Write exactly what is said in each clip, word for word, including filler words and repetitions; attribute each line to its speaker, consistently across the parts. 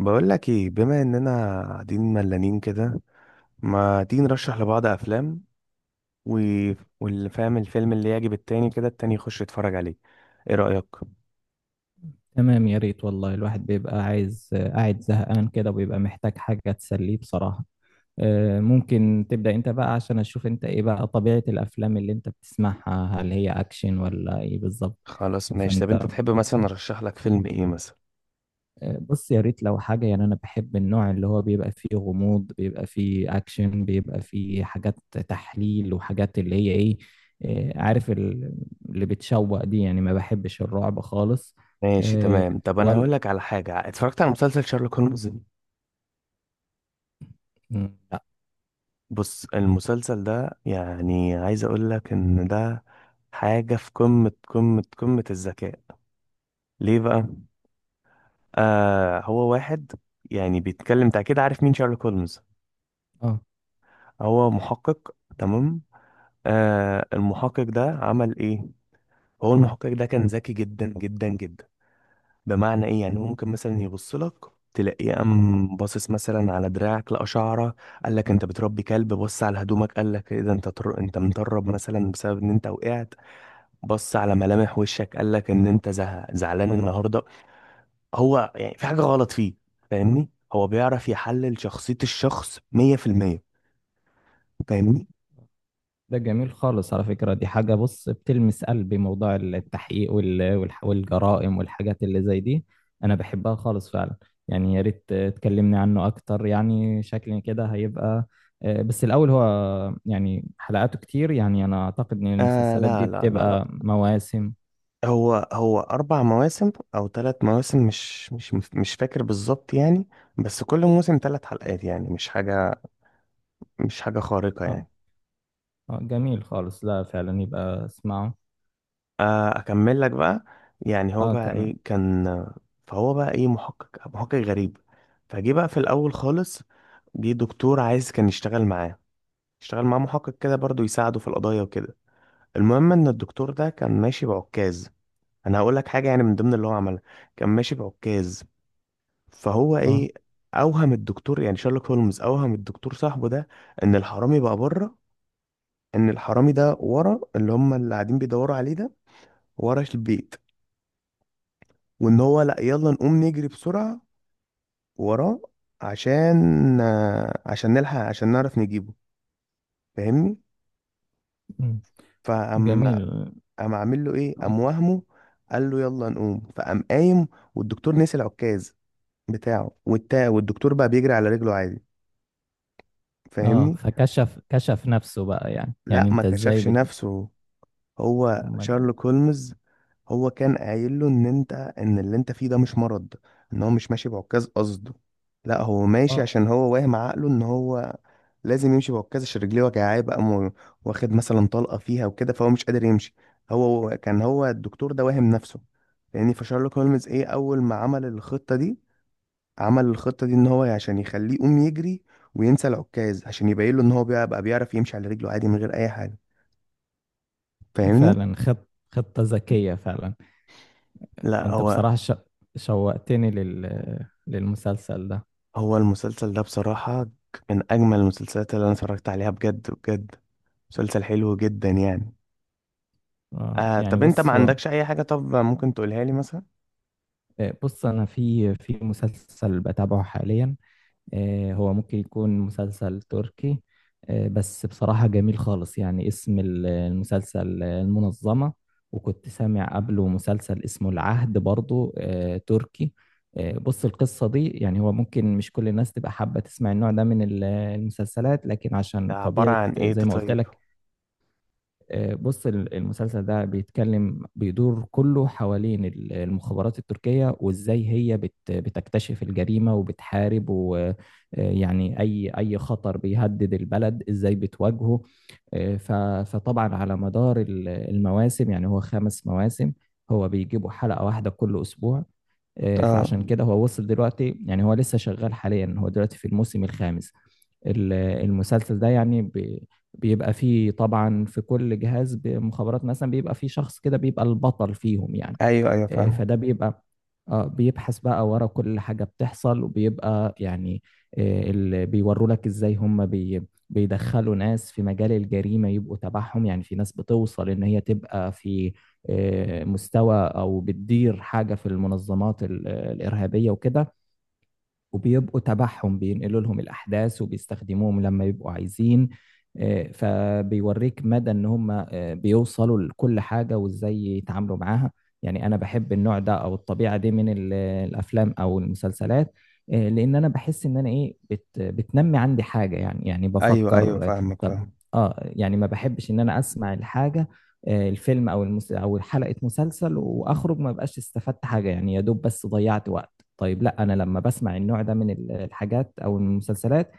Speaker 1: بقول لك ايه؟ بما اننا قاعدين ملانين كده، ما تيجي نرشح لبعض افلام و... واللي فاهم الفيلم اللي يعجب التاني كده التاني يخش يتفرج عليه. ايه رأيك؟
Speaker 2: تمام يا ريت والله الواحد بيبقى عايز آه، قاعد زهقان كده وبيبقى محتاج حاجة تسليه بصراحة. آه، ممكن تبدأ انت بقى عشان اشوف انت ايه بقى طبيعة الافلام اللي انت بتسمعها، هل هي اكشن ولا ايه بالظبط؟
Speaker 1: خلاص ماشي. طب
Speaker 2: فانت
Speaker 1: انت تحب مثلا ارشح لك فيلم ايه مثلا؟
Speaker 2: آه، بص يا ريت لو حاجة، يعني انا بحب النوع اللي هو بيبقى فيه غموض، بيبقى فيه اكشن، بيبقى فيه حاجات تحليل وحاجات اللي هي ايه. آه، عارف ال- اللي بتشوق دي، يعني ما بحبش الرعب خالص.
Speaker 1: ماشي
Speaker 2: آه،
Speaker 1: تمام. طب انا
Speaker 2: ولا
Speaker 1: هقول لك على حاجة، اتفرجت على مسلسل شارلوك هولمز.
Speaker 2: مم، لا.
Speaker 1: بص المسلسل ده، يعني عايز اقول لك ان ده حاجة في قمة قمة قمة الذكاء. ليه بقى؟ آه، هو واحد يعني بيتكلم. انت اكيد عارف مين شارلوك هولمز؟
Speaker 2: اه،
Speaker 1: هو محقق، تمام؟ آه، المحقق ده عمل ايه؟ هو المحقق ده كان ذكي جدا جدا جدا. بمعنى ايه؟ يعني هو ممكن مثلا يبص لك، تلاقيه قام باصص مثلا على دراعك، لقى شعره قال لك انت بتربي كلب. بص على هدومك قال لك ايه ده، انت تر... انت مطرب مثلا بسبب ان انت وقعت. بص على ملامح وشك قال لك ان انت زه... زعلان النهارده، هو يعني في حاجه غلط فيه. فاهمني؟ هو بيعرف يحلل شخصيه الشخص مية بالمية. فاهمني؟
Speaker 2: ده جميل خالص على فكرة، دي حاجة بص بتلمس قلبي، موضوع التحقيق وال- والح- والجرائم والحاجات اللي زي دي أنا بحبها خالص فعلا. يعني يا ريت تكلمني عنه أكتر، يعني شكلي كده هيبقى. آه، بس الأول هو، يعني حلقاته كتير، يعني أنا أعتقد إن
Speaker 1: آه
Speaker 2: المسلسلات
Speaker 1: لا
Speaker 2: دي
Speaker 1: لا لا لا
Speaker 2: بتبقى مواسم.
Speaker 1: هو هو أربع مواسم أو ثلاث مواسم، مش مش مش فاكر بالظبط يعني. بس كل موسم ثلاث حلقات، يعني مش حاجة، مش حاجة خارقة
Speaker 2: أه،
Speaker 1: يعني.
Speaker 2: أه، جميل خالص، لا فعلا يبقى اسمعه.
Speaker 1: آه، أكمل لك بقى. يعني هو
Speaker 2: أه
Speaker 1: بقى
Speaker 2: تمام.
Speaker 1: إيه كان. فهو بقى إيه، محقق محقق غريب. فجه بقى في الأول خالص، جه دكتور عايز كان يشتغل معاه، يشتغل معاه محقق كده برضه، يساعده في القضايا وكده. المهم إن الدكتور ده كان ماشي بعكاز. أنا هقول لك حاجة يعني من ضمن اللي هو عملها. كان ماشي بعكاز، فهو
Speaker 2: أه.
Speaker 1: ايه، اوهم الدكتور، يعني شارلوك هولمز اوهم الدكتور صاحبه ده ان الحرامي بقى بره، ان الحرامي ده ورا اللي هم اللي قاعدين بيدوروا عليه ده، ورا البيت، وان هو لا، يلا نقوم نجري بسرعة وراه عشان آه، عشان نلحق، عشان نعرف نجيبه. فاهمني؟
Speaker 2: مم.
Speaker 1: فقام،
Speaker 2: جميل.
Speaker 1: قام عامل له ايه، قام
Speaker 2: أم-
Speaker 1: وهمه، قال له يلا نقوم. فقام قايم والدكتور نسي العكاز بتاعه، والتا والدكتور بقى بيجري على رجله عادي.
Speaker 2: أه،
Speaker 1: فاهمني؟
Speaker 2: فكشف كشف نفسه بقى، يعني
Speaker 1: لا،
Speaker 2: يعني
Speaker 1: ما
Speaker 2: أنت إزاي
Speaker 1: كشفش
Speaker 2: بت...
Speaker 1: نفسه، هو
Speaker 2: أمال؟
Speaker 1: شارلوك هولمز. هو كان قايل له ان انت، ان اللي انت فيه ده مش مرض، ان هو مش ماشي بعكاز قصده، لا هو ماشي
Speaker 2: اه
Speaker 1: عشان هو واهم عقله ان هو لازم يمشي بعكاز عشان رجليه وجعاه بقى، مو- واخد مثلا طلقة فيها وكده، فهو مش قادر يمشي. هو كان، هو الدكتور ده واهم نفسه. لان فشارلوك هولمز ايه، اول ما عمل الخطة دي، عمل الخطة دي ان هو عشان يخليه يقوم يجري وينسى العكاز، عشان يبين له ان هو بقى بقى بيعرف يمشي على رجله عادي من غير اي حاجة. فاهمني؟
Speaker 2: فعلا، خط خطة ذكية فعلا.
Speaker 1: لا
Speaker 2: انت
Speaker 1: هو،
Speaker 2: بصراحة ش... شوقتني لل... للمسلسل ده.
Speaker 1: هو المسلسل ده بصراحة من أجمل المسلسلات اللي أنا اتفرجت عليها بجد بجد. مسلسل حلو جدا يعني.
Speaker 2: آه،
Speaker 1: آه،
Speaker 2: يعني
Speaker 1: طب أنت ما
Speaker 2: بص هو.
Speaker 1: عندكش أي حاجة طب ممكن تقولها لي مثلا؟
Speaker 2: آه، بص انا في في مسلسل بتابعه حاليا. آه، هو ممكن يكون مسلسل تركي. آه، بس بصراحة جميل خالص، يعني اسم ال- المسلسل آه، المنظمة. وكنت سامع قبله مسلسل اسمه العهد برضو، آه، تركي. آه، بص القصة دي، يعني هو ممكن مش كل الناس تبقى حابة تسمع النوع ده من ال- المسلسلات، لكن
Speaker 1: ده
Speaker 2: عشان
Speaker 1: عبارة
Speaker 2: طبيعة
Speaker 1: عن إيه
Speaker 2: زي
Speaker 1: ده
Speaker 2: ما قلت
Speaker 1: طيب؟
Speaker 2: لك. آه، بص ال- المسلسل ده بيتكلم، بيدور كله حوالين ال- المخابرات التركية، وازاي هي بت- بتكتشف الجريمة وبتحارب، ويعني اي اي خطر بيهدد البلد ازاي بتواجهه. آه، ف- فطبعا على مدار ال- المواسم، يعني هو خمس مواسم. هو بيجيبوا حلقة واحدة كل اسبوع. آه،
Speaker 1: اه.
Speaker 2: فعشان كده هو وصل دلوقتي، يعني هو لسه شغال حاليا، هو دلوقتي في الموسم الخامس. ال- المسلسل ده يعني بي- بيبقى فيه طبعا في كل جهاز بمخابرات مثلا بيبقى فيه شخص كده بيبقى البطل فيهم يعني.
Speaker 1: ايوه ايوه
Speaker 2: آه،
Speaker 1: فاهم.
Speaker 2: فده بيبقى، آه، بيبحث بقى ورا كل حاجة بتحصل وبيبقى يعني. آه، اللي بيوروا لك ازاي هم بي بيدخلوا ناس في مجال الجريمة يبقوا تبعهم، يعني في ناس بتوصل ان هي تبقى في آه، مستوى او بتدير حاجة في المنظمات ال- الإرهابية وكده، وبيبقوا تبعهم بينقلوا لهم الأحداث وبيستخدموهم لما يبقوا عايزين. آه، فبيوريك مدى ان هم آه، بيوصلوا لكل حاجة وازاي يتعاملوا معاها. يعني انا بحب النوع ده او الطبيعة دي من ال- الافلام او المسلسلات. آه، لان انا بحس ان انا ايه بت بتنمي عندي حاجة، يعني يعني
Speaker 1: ايوه ايوه
Speaker 2: بفكر. آه،
Speaker 1: فاهمك،
Speaker 2: طب
Speaker 1: فاهم.
Speaker 2: اه، يعني ما بحبش ان انا اسمع الحاجة. آه، الفيلم او المس... او حلقة مسلسل واخرج ما بقاش استفدت حاجة، يعني يا دوب بس ضيعت وقت. طيب لا، انا لما بسمع النوع ده من ال- الحاجات او المسلسلات،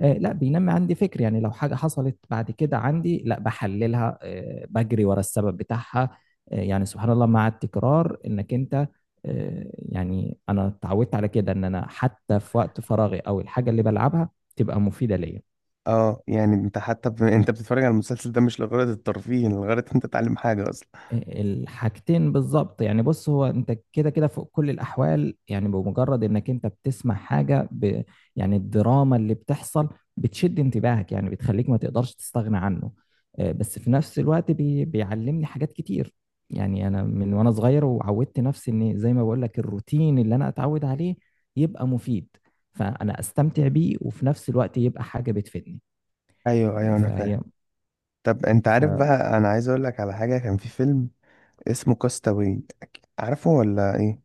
Speaker 2: آه، لا بينمي عندي فكر، يعني لو حاجة حصلت بعد كده عندي لا بحللها، آه، بجري ورا السبب بتاعها. آه، يعني سبحان الله مع التكرار انك انت، آه، يعني انا اتعودت على كده ان انا حتى في وقت فراغي او الحاجة اللي بلعبها تبقى مفيدة ليا.
Speaker 1: اه، يعني انت حتى ب... انت بتتفرج على المسلسل ده مش لغرض الترفيه، لغرض انت تتعلم حاجه اصلا؟
Speaker 2: الحاجتين بالظبط، يعني بص هو انت كده كده فوق كل الاحوال يعني، بمجرد انك انت بتسمع حاجه ب... يعني الدراما اللي بتحصل بتشد انتباهك، يعني بتخليك ما تقدرش تستغنى عنه. آه، بس في نفس الوقت بي... بيعلمني حاجات كتير. يعني انا من وانا صغير وعودت نفسي ان زي ما بقول لك الروتين اللي انا اتعود عليه يبقى مفيد، فانا استمتع بيه وفي نفس الوقت يبقى حاجه بتفيدني.
Speaker 1: ايوه
Speaker 2: آه،
Speaker 1: ايوه انا فاهم.
Speaker 2: فهي
Speaker 1: طب انت عارف بقى، انا عايز اقول لك على حاجه، كان في فيلم اسمه كاستاوي، عارفه ولا ايه؟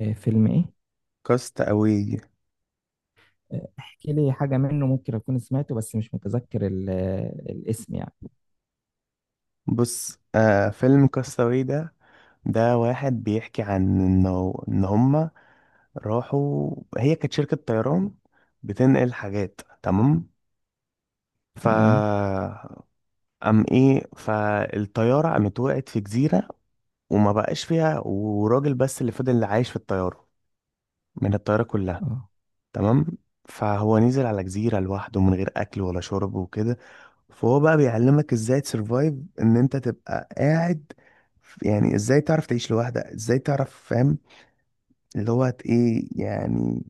Speaker 2: ففيلم ايه؟
Speaker 1: كاستاوي.
Speaker 2: احكي لي حاجة منه ممكن أكون سمعته بس مش متذكر ال- الاسم يعني.
Speaker 1: بص، آه، فيلم كاستاوي ده، ده واحد بيحكي عن انه ان هما راحوا، هي كانت شركة طيران بتنقل حاجات، تمام؟ ف
Speaker 2: تمام.
Speaker 1: ام ايه، فالطيارة قامت وقعت في جزيرة، وما بقاش فيها وراجل بس اللي فضل عايش في الطيارة، من الطيارة كلها،
Speaker 2: اه
Speaker 1: تمام؟ فهو نزل على جزيرة لوحده من غير اكل ولا شرب وكده. فهو بقى بيعلمك ازاي تسرفايف، ان انت تبقى قاعد في- يعني ازاي تعرف تعيش لوحدك، ازاي تعرف، فاهم؟ اللي هو هت- ايه يعني،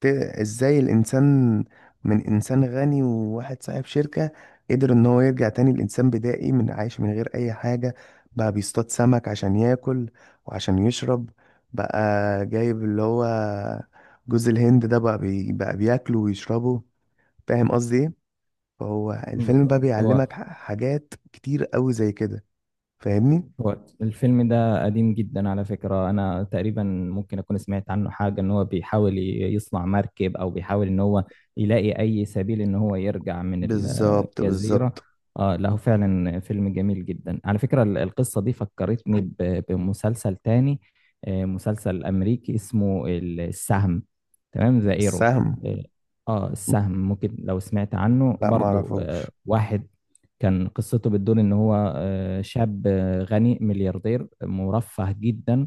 Speaker 1: ت- ازاي الانسان من انسان غني وواحد صاحب شركة قدر ان هو يرجع تاني لانسان بدائي، من عايش من غير اي حاجة، بقى بيصطاد سمك عشان ياكل وعشان يشرب، بقى جايب اللي هو جوز الهند ده بقى، بي بقى بياكله ويشربه. فاهم قصدي إيه؟ فهو الفيلم بقى
Speaker 2: بالظبط. هو
Speaker 1: بيعلمك ح- حاجات كتير قوي زي كده. فاهمني؟
Speaker 2: هو الفيلم ده قديم جدا على فكرة، أنا تقريبا ممكن أكون سمعت عنه حاجة إن هو بيحاول ي- يصنع مركب، أو بيحاول إن هو يلاقي أي سبيل إن هو يرجع من
Speaker 1: بالظبط
Speaker 2: الجزيرة.
Speaker 1: بالظبط.
Speaker 2: آه له فعلا فيلم جميل جدا على فكرة. ال- القصة دي فكرتني ب- بمسلسل تاني. آه، مسلسل أمريكي اسمه ال- السهم. تمام، ذا إيرو.
Speaker 1: السهم؟
Speaker 2: اه. آه، السهم ممكن لو سمعت عنه
Speaker 1: لا ما
Speaker 2: برضو،
Speaker 1: اعرفوش.
Speaker 2: آه واحد كان قصته بتدور ان هو، آه، شاب آه، غني ملياردير مرفه جدا.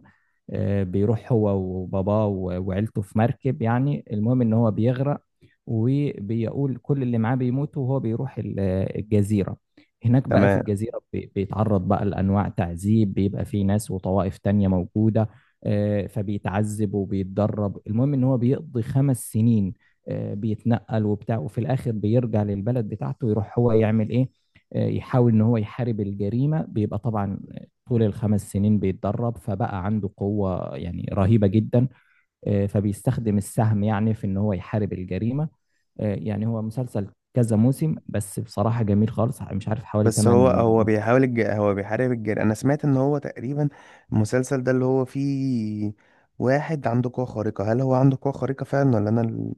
Speaker 2: آه، بيروح هو وباباه و- وعيلته في مركب، يعني المهم ان هو بيغرق. وبيقول كل اللي معاه بيموتوا وهو بيروح ال- آه، الجزيرة. هناك بقى في
Speaker 1: تمام.
Speaker 2: الجزيرة بي- بيتعرض بقى لأنواع تعذيب، بيبقى في ناس وطوائف تانية موجودة. آه، فبيتعذب وبيتدرب، المهم ان هو بيقضي خمس سنين. آه، بيتنقل وبتاع، وفي الآخر بيرجع للبلد بتاعته يروح هو يعمل ايه، يحاول ان هو يحارب الجريمه. بيبقى طبعا طول الخمس سنين بيتدرب فبقى عنده قوه يعني رهيبه جدا. آه، فبيستخدم السهم يعني في ان هو يحارب الجريمه. آه، يعني هو مسلسل كذا موسم بس بصراحه جميل خالص، مش عارف حوالي
Speaker 1: بس هو،
Speaker 2: ثمانية.
Speaker 1: هو بيحاول الج... هو بيحارب الجير، انا سمعت ان هو تقريبا المسلسل ده اللي هو فيه واحد عنده قوة خارقة. هل هو عنده قوة خارقة فعلا، ولا انا ال-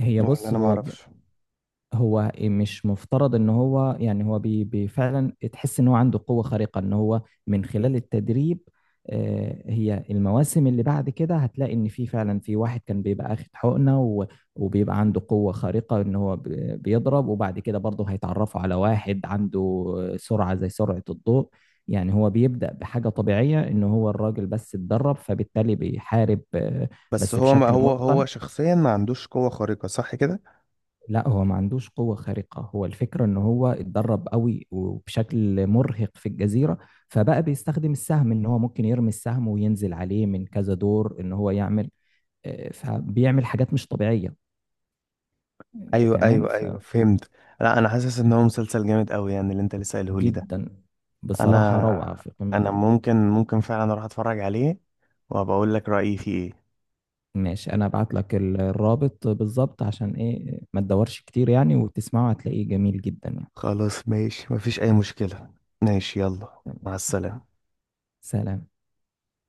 Speaker 2: هي
Speaker 1: ولا
Speaker 2: بص
Speaker 1: انا ما
Speaker 2: هو
Speaker 1: اعرفش؟
Speaker 2: هو مش مفترض ان هو يعني، هو بي بي فعلا تحس ان هو عنده قوة خارقة، ان هو من خلال التدريب. آه، هي المواسم اللي بعد كده هتلاقي ان في فعلا في واحد كان بيبقى اخد حقنة و- وبيبقى عنده قوة خارقة ان هو ب- بيضرب. وبعد كده برضه هيتعرفوا على واحد عنده سرعة زي سرعة الضوء. يعني هو بيبدأ بحاجة طبيعية ان هو الراجل بس اتدرب، فبالتالي بيحارب آه،
Speaker 1: بس
Speaker 2: بس
Speaker 1: هو، ما
Speaker 2: بشكل
Speaker 1: هو هو
Speaker 2: متقن.
Speaker 1: شخصيا ما عندوش قوة خارقة، صح كده؟
Speaker 2: لا هو ما عندوش قوة خارقة، هو الفكرة ان هو اتدرب قوي وبشكل مرهق في الجزيرة، فبقى بيستخدم السهم ان هو ممكن يرمي السهم وينزل عليه من كذا دور ان هو يعمل. آه، فبيعمل حاجات مش طبيعية.
Speaker 1: ايوه
Speaker 2: تمام.
Speaker 1: ايوه ايوه فهمت. لا، انا حاسس ان هو مسلسل جامد قوي يعني، اللي انت لسه قايله لي ده.
Speaker 2: فجدا بصراحة روعة
Speaker 1: انا
Speaker 2: في قمة
Speaker 1: انا
Speaker 2: الروعة.
Speaker 1: ممكن، ممكن فعلا اروح اتفرج عليه وبقول لك رأيي فيه ايه.
Speaker 2: ماشي، انا ابعت لك ال- الرابط بالظبط عشان ايه ما تدورش كتير يعني، وتسمعه هتلاقيه جميل جدا يعني.
Speaker 1: خلاص ماشي، مفيش اي مشكلة. ماشي، يلا مع
Speaker 2: تمام.
Speaker 1: السلامة.
Speaker 2: سلام.